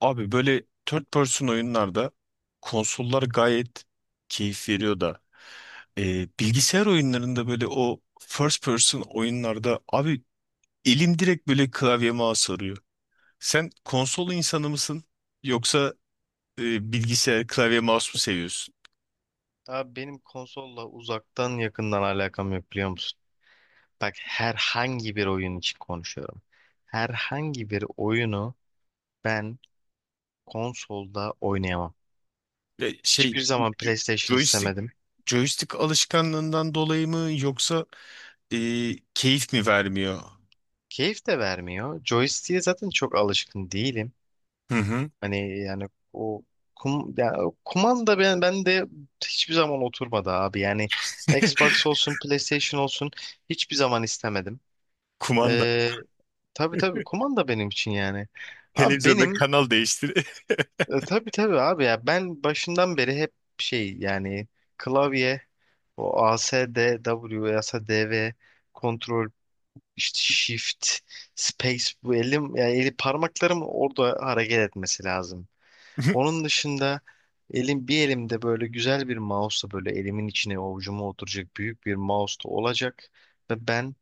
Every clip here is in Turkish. Abi böyle third person oyunlarda konsollar gayet keyif veriyor da bilgisayar oyunlarında böyle o first person oyunlarda abi elim direkt böyle klavyeme mouse. Sen konsol insanı mısın yoksa bilgisayar klavye mouse mu seviyorsun? Abi benim konsolla uzaktan yakından alakam yok biliyor musun? Bak herhangi bir oyun için konuşuyorum. Herhangi bir oyunu ben konsolda oynayamam. Şey, Hiçbir zaman jo- PlayStation joystick, istemedim. joystick alışkanlığından dolayı mı yoksa e, keyif mi vermiyor? Keyif de vermiyor. Joystick'e zaten çok alışkın değilim. Hı hı. Hani yani o kum, ya o kumanda ben de hiçbir zaman oturmadı abi. Yani Xbox olsun PlayStation olsun hiçbir zaman istemedim. Kumanda Ee, tabii tabii kumanda benim için yani. Abi televizyonda benim kanal değiştir. Tabii tabii abi ya ben başından beri hep şey yani klavye o A S D W A S D V kontrol işte shift space bu elim yani eli parmaklarım orada hareket etmesi lazım. Onun dışında elim bir elimde böyle güzel bir mouse'la böyle elimin içine avucuma oturacak büyük bir mouse da olacak ve ben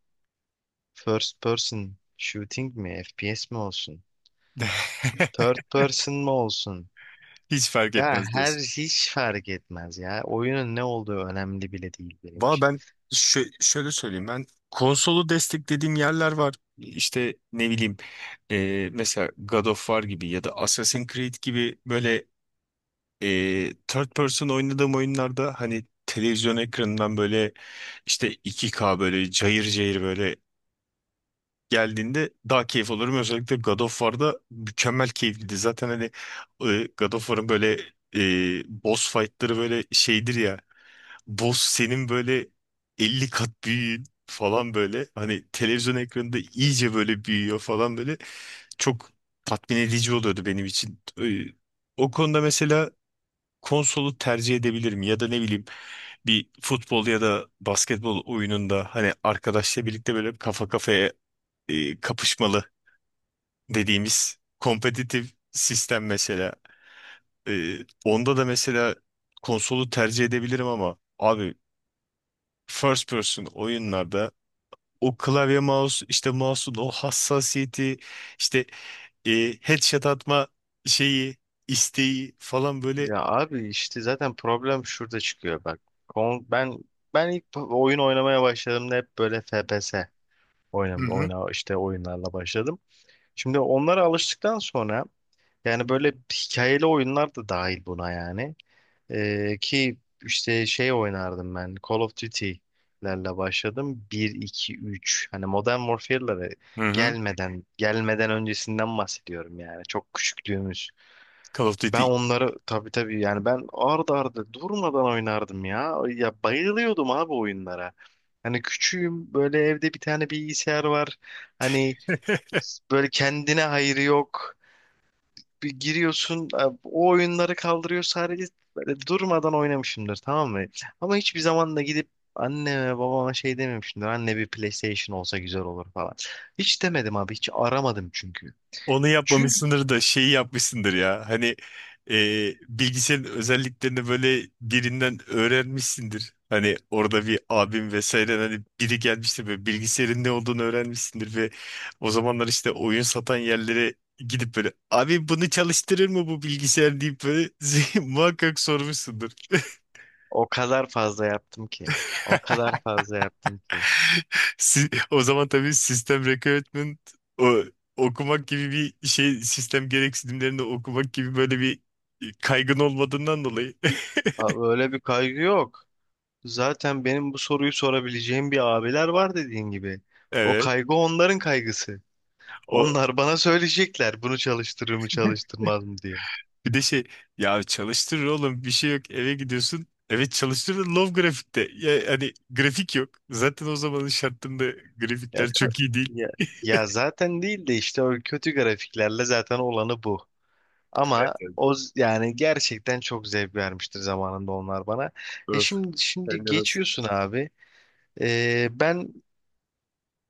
First person shooting mi? FPS mi olsun? Third person mı olsun? Hiç fark Ya etmez her diyorsun. hiç fark etmez ya. Oyunun ne olduğu önemli bile değil benim Valla için. ben şöyle söyleyeyim, ben konsolu desteklediğim yerler var. İşte ne bileyim, mesela God of War gibi ya da Assassin's Creed gibi böyle third person oynadığım oyunlarda, hani televizyon ekranından böyle işte 2K böyle cayır cayır böyle geldiğinde daha keyif alırım. Özellikle God of War'da mükemmel keyifliydi. Zaten hani God of War'ın böyle boss fight'ları böyle şeydir ya, boss senin böyle 50 kat büyüğün falan böyle. Hani televizyon ekranında iyice böyle büyüyor falan böyle. Çok tatmin edici oluyordu benim için. O konuda mesela konsolu tercih edebilirim ya da ne bileyim, bir futbol ya da basketbol oyununda hani arkadaşla birlikte böyle kafa kafaya kapışmalı dediğimiz kompetitif sistem mesela. Ee, Onda da mesela konsolu tercih edebilirim ama abi, first person oyunlarda o klavye mouse, işte mouse'un o hassasiyeti, işte e, headshot atma şeyi, isteği falan böyle. Ya abi işte zaten problem şurada çıkıyor bak. Kon- Ben ben ilk oyun oynamaya başladığımda hep böyle FPS Hı oynam hı, oyna işte oyunlarla başladım. Şimdi onlara alıştıktan sonra yani böyle hikayeli oyunlar da dahil buna yani. Ki işte şey oynardım ben. Call of Duty'lerle başladım. Bir, iki, üç. Hani Modern Warfare'lere hı hı. gelmeden öncesinden bahsediyorum yani. Çok küçüklüğümüz. Call of Ben Duty. onları tabii tabii yani ben ardı ardı durmadan oynardım ya. Ya bayılıyordum abi oyunlara. Hani küçüğüm böyle evde bir tane bilgisayar var. Hani böyle kendine hayrı yok bir giriyorsun o oyunları kaldırıyor sadece böyle durmadan oynamışımdır tamam mı? Ama hiçbir zaman da gidip anneme babama şey dememişimdir. Anne bir PlayStation olsa güzel olur falan. Hiç demedim abi hiç aramadım çünkü. Onu Çünkü yapmamışsındır da şeyi yapmışsındır ya. Hani e, bilgisayarın özelliklerini böyle birinden öğrenmişsindir. Hani orada bir abim vesaire, hani biri gelmiştir böyle, bilgisayarın ne olduğunu öğrenmişsindir ve o zamanlar işte oyun satan yerlere gidip böyle, abi bunu çalıştırır mı bu bilgisayar deyip böyle muhakkak sormuşsundur. o kadar fazla yaptım ki. O kadar fazla yaptım ki. O zaman tabii sistem requirement o, okumak gibi bir şey, sistem gereksinimlerini okumak gibi böyle bir kaygın olmadığından dolayı. Abi öyle bir kaygı yok. Zaten benim bu soruyu sorabileceğim bir abiler var dediğin gibi. O Evet. kaygı onların kaygısı. O Onlar bana söyleyecekler bunu çalıştırır mı çalıştırmaz mı diye. bir de şey, ya çalıştırır oğlum bir şey yok, eve gidiyorsun. Evet çalıştırır low grafikte. Ya, hani grafik yok. Zaten o zamanın şartlarında Ya, grafikler çok iyi değil. ya, ya zaten değil de işte o kötü grafiklerle zaten olanı bu. Evet, Ama evet. Yani gerçekten çok zevk vermiştir zamanında onlar bana. E Öf. şimdi şimdi Sen de nasıl? geçiyorsun abi. Ben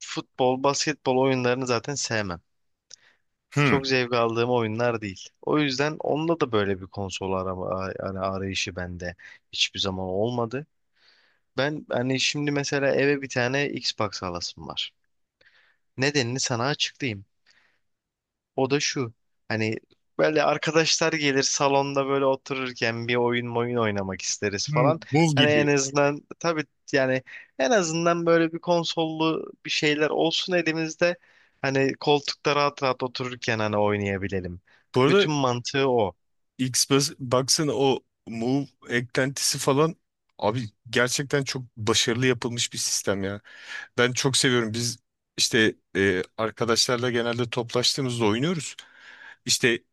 futbol, basketbol oyunlarını zaten sevmem. Hmm. Çok zevk aldığım oyunlar değil. O yüzden onda da böyle bir konsol yani arayışı bende hiçbir zaman olmadı. Ben hani şimdi mesela eve bir tane Xbox alasım var. Nedenini sana açıklayayım. O da şu. Hani böyle arkadaşlar gelir salonda böyle otururken bir oyun oynamak isteriz Hmm. falan. Bul Hani en gibi. azından tabii yani en azından böyle bir konsollu bir şeyler olsun elimizde. Hani koltukta rahat rahat otururken hani oynayabilelim. Bu arada Bütün mantığı o. X, baksana o Move eklentisi falan, abi gerçekten çok başarılı yapılmış bir sistem ya. Ben çok seviyorum. Biz işte arkadaşlarla genelde toplaştığımızda oynuyoruz. İşte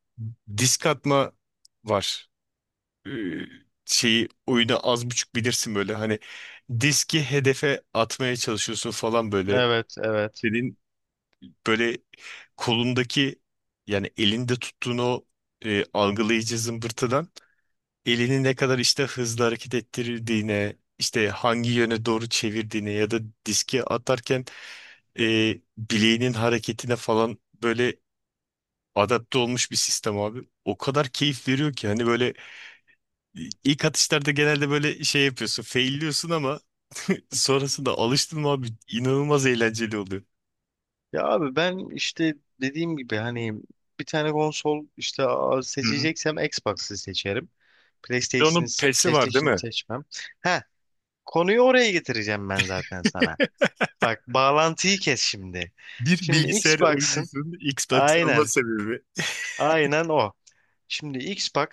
disk atma var. E, Şeyi, oyunu az buçuk bilirsin böyle, hani diski hedefe atmaya çalışıyorsun falan böyle. Evet, evet. Senin böyle kolundaki, yani elinde tuttuğun o algılayıcı zımbırtıdan, elini ne kadar işte hızlı hareket ettirdiğine, işte hangi yöne doğru çevirdiğine ya da diski atarken e, bileğinin hareketine falan böyle adapte olmuş bir sistem abi. O kadar keyif veriyor ki, hani böyle ilk atışlarda genelde böyle şey yapıyorsun, failliyorsun ama sonrasında alıştın mı abi, inanılmaz eğlenceli oluyor. Ya abi ben işte dediğim gibi hani bir tane konsol işte Hı hı. seçeceksem Xbox'ı seçerim. Bir de PlayStation'ı onun PES'i var değil PlayStation'ı mi? seçmem. He, konuyu oraya getireceğim ben zaten sana. Bak bağlantıyı kes şimdi. Bir Şimdi bilgisayar Xbox'ın oyuncusunun Xbox alma aynen sebebi. aynen o. Şimdi Xbox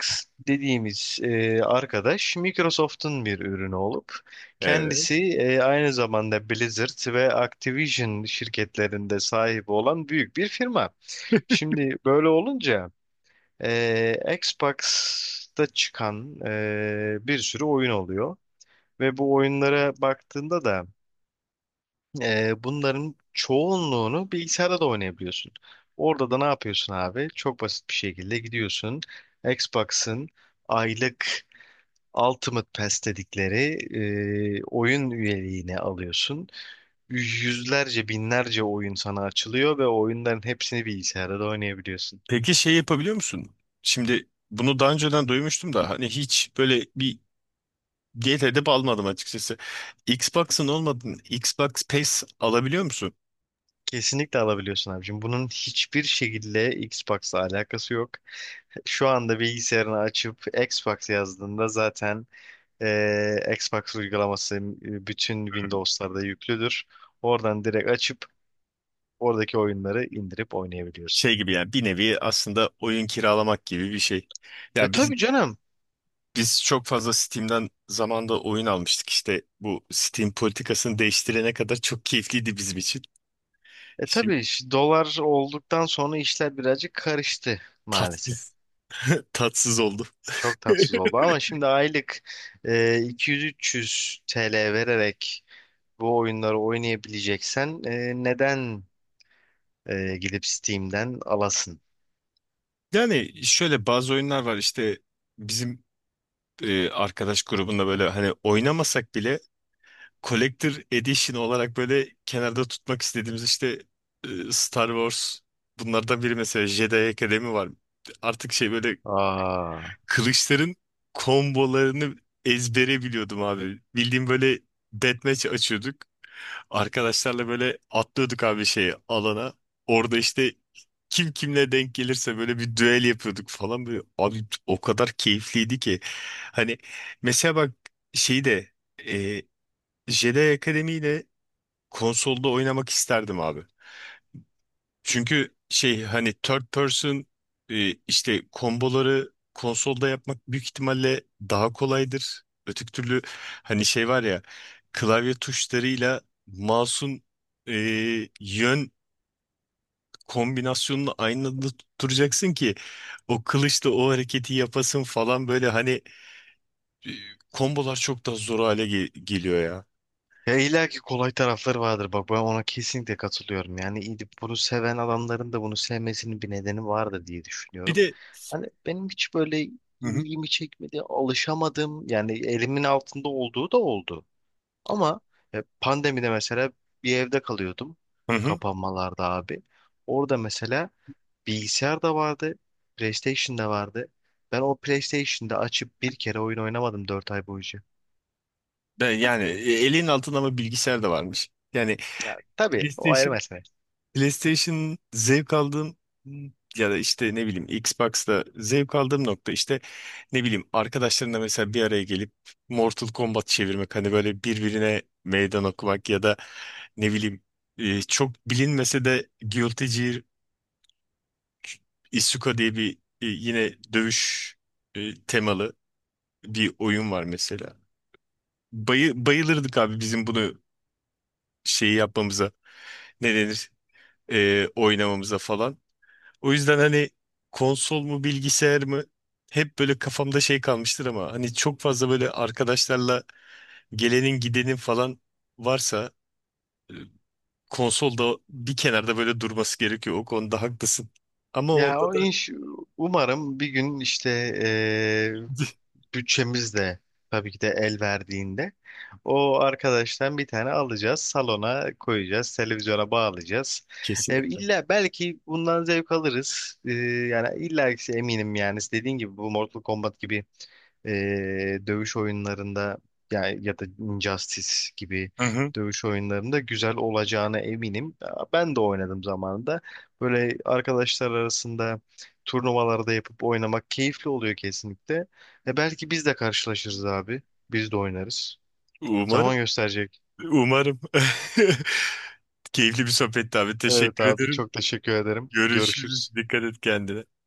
dediğimiz arkadaş Microsoft'un bir ürünü olup Evet. kendisi aynı zamanda Blizzard ve Activision şirketlerinde sahibi olan büyük bir firma. Şimdi böyle olunca Xbox'ta çıkan bir sürü oyun oluyor ve bu oyunlara baktığında da Bunların çoğunluğunu bilgisayarda da oynayabiliyorsun. Orada da ne yapıyorsun abi? Çok basit bir şekilde gidiyorsun. Xbox'ın aylık Ultimate Pass dedikleri oyun üyeliğini alıyorsun. Yüzlerce, binlerce oyun sana açılıyor ve oyunların hepsini bilgisayarda da oynayabiliyorsun. Peki şey yapabiliyor musun? Şimdi bunu daha önceden duymuştum da, hani hiç böyle bir diyet edip almadım açıkçası. Xbox'ın olmadığını Xbox Pass alabiliyor musun? Kesinlikle alabiliyorsun abicim. Bunun hiçbir şekilde Xbox'la alakası yok. Şu anda bilgisayarını açıp Xbox yazdığında zaten Xbox uygulaması bütün Windows'larda yüklüdür. Oradan direkt açıp oradaki oyunları indirip oynayabiliyorsun. Şey gibi yani, bir nevi aslında oyun kiralamak gibi bir şey. E Ya biz, tabii canım. biz çok fazla Steam'den zamanda oyun almıştık, işte bu Steam politikasını değiştirene kadar çok keyifliydi bizim için. E tabii Şimdi dolar olduktan sonra işler birazcık karıştı maalesef. tatsız, tatsız oldu. Çok tatsız oldu ama şimdi aylık e, 200-300 TL vererek bu oyunları oynayabileceksen neden gidip Steam'den alasın? Yani şöyle bazı oyunlar var, işte bizim arkadaş grubunda böyle hani oynamasak bile Collector Edition olarak böyle kenarda tutmak istediğimiz, işte Star Wars, bunlardan biri mesela Jedi Academy var. Artık şey böyle Aa. kılıçların kombolarını ezbere biliyordum abi. Bildiğim böyle deathmatch açıyorduk. Arkadaşlarla böyle atlıyorduk abi şeye, alana. Orada işte kim kimle denk gelirse böyle bir düel yapıyorduk falan böyle. Abi o kadar keyifliydi ki. Hani mesela bak şeyi de e, Jedi Akademi ile konsolda oynamak isterdim abi. Çünkü şey, hani third person işte komboları konsolda yapmak büyük ihtimalle daha kolaydır. Öteki türlü, hani şey var ya, klavye tuşlarıyla mouse'un e, yön kombinasyonunu aynı anda tutturacaksın ki o kılıçla o hareketi yapasın falan böyle, hani e, kombolar çok daha zor hale geliyor ya. Ya illa ki kolay tarafları vardır bak ben ona kesinlikle katılıyorum. Yani gidip bunu seven adamların da bunu sevmesinin bir nedeni vardır diye Bir düşünüyorum. de Hani benim hiç böyle hı hı. ilgimi çekmedi, alışamadım. Yani elimin altında olduğu da oldu. Ama pandemide mesela bir evde kalıyordum Hı hı. kapanmalarda abi. Orada mesela bilgisayar da vardı, PlayStation da vardı. Ben o PlayStation'da açıp bir kere oyun oynamadım 4 ay boyunca. Ben yani elin altında ama bilgisayar da varmış. Yani Ya tabii o ayrı mesele. PlayStation zevk aldığım ya da işte ne bileyim, Xbox'ta zevk aldığım nokta, işte ne bileyim arkadaşlarımla mesela bir araya gelip Mortal Kombat çevirmek, hani böyle birbirine meydan okumak ya da ne bileyim çok bilinmese de Guilty Gear Isuka diye bir yine dövüş temalı bir oyun var mesela. Bayılırdık abi bizim bunu şeyi yapmamıza, ne denir, oynamamıza falan. O yüzden hani konsol mu bilgisayar mı hep böyle kafamda şey kalmıştır ama hani çok fazla böyle arkadaşlarla gelenin gidenin falan varsa e, konsolda bir kenarda böyle durması gerekiyor. O konuda haklısın. Ama Ya onda o da umarım bir gün işte bütçemiz de tabii ki de el verdiğinde o arkadaştan bir tane alacağız, salona koyacağız, televizyona bağlayacağız. E, kesinlikle. illa belki bundan zevk alırız. Yani illa ki eminim yani dediğin gibi bu Mortal Kombat gibi e, dövüş oyunlarında yani ya da Injustice gibi Hı hı. dövüş oyunlarında güzel olacağına eminim. Ben de oynadım zamanında. Böyle arkadaşlar arasında turnuvalarda yapıp oynamak keyifli oluyor kesinlikle. E belki biz de karşılaşırız abi. Biz de oynarız. Zaman Umarım. gösterecek. Umarım. Keyifli bir sohbetti abi. Evet Teşekkür abi ederim. çok teşekkür ederim. Görüşürüz. Görüşürüz. Dikkat et kendine.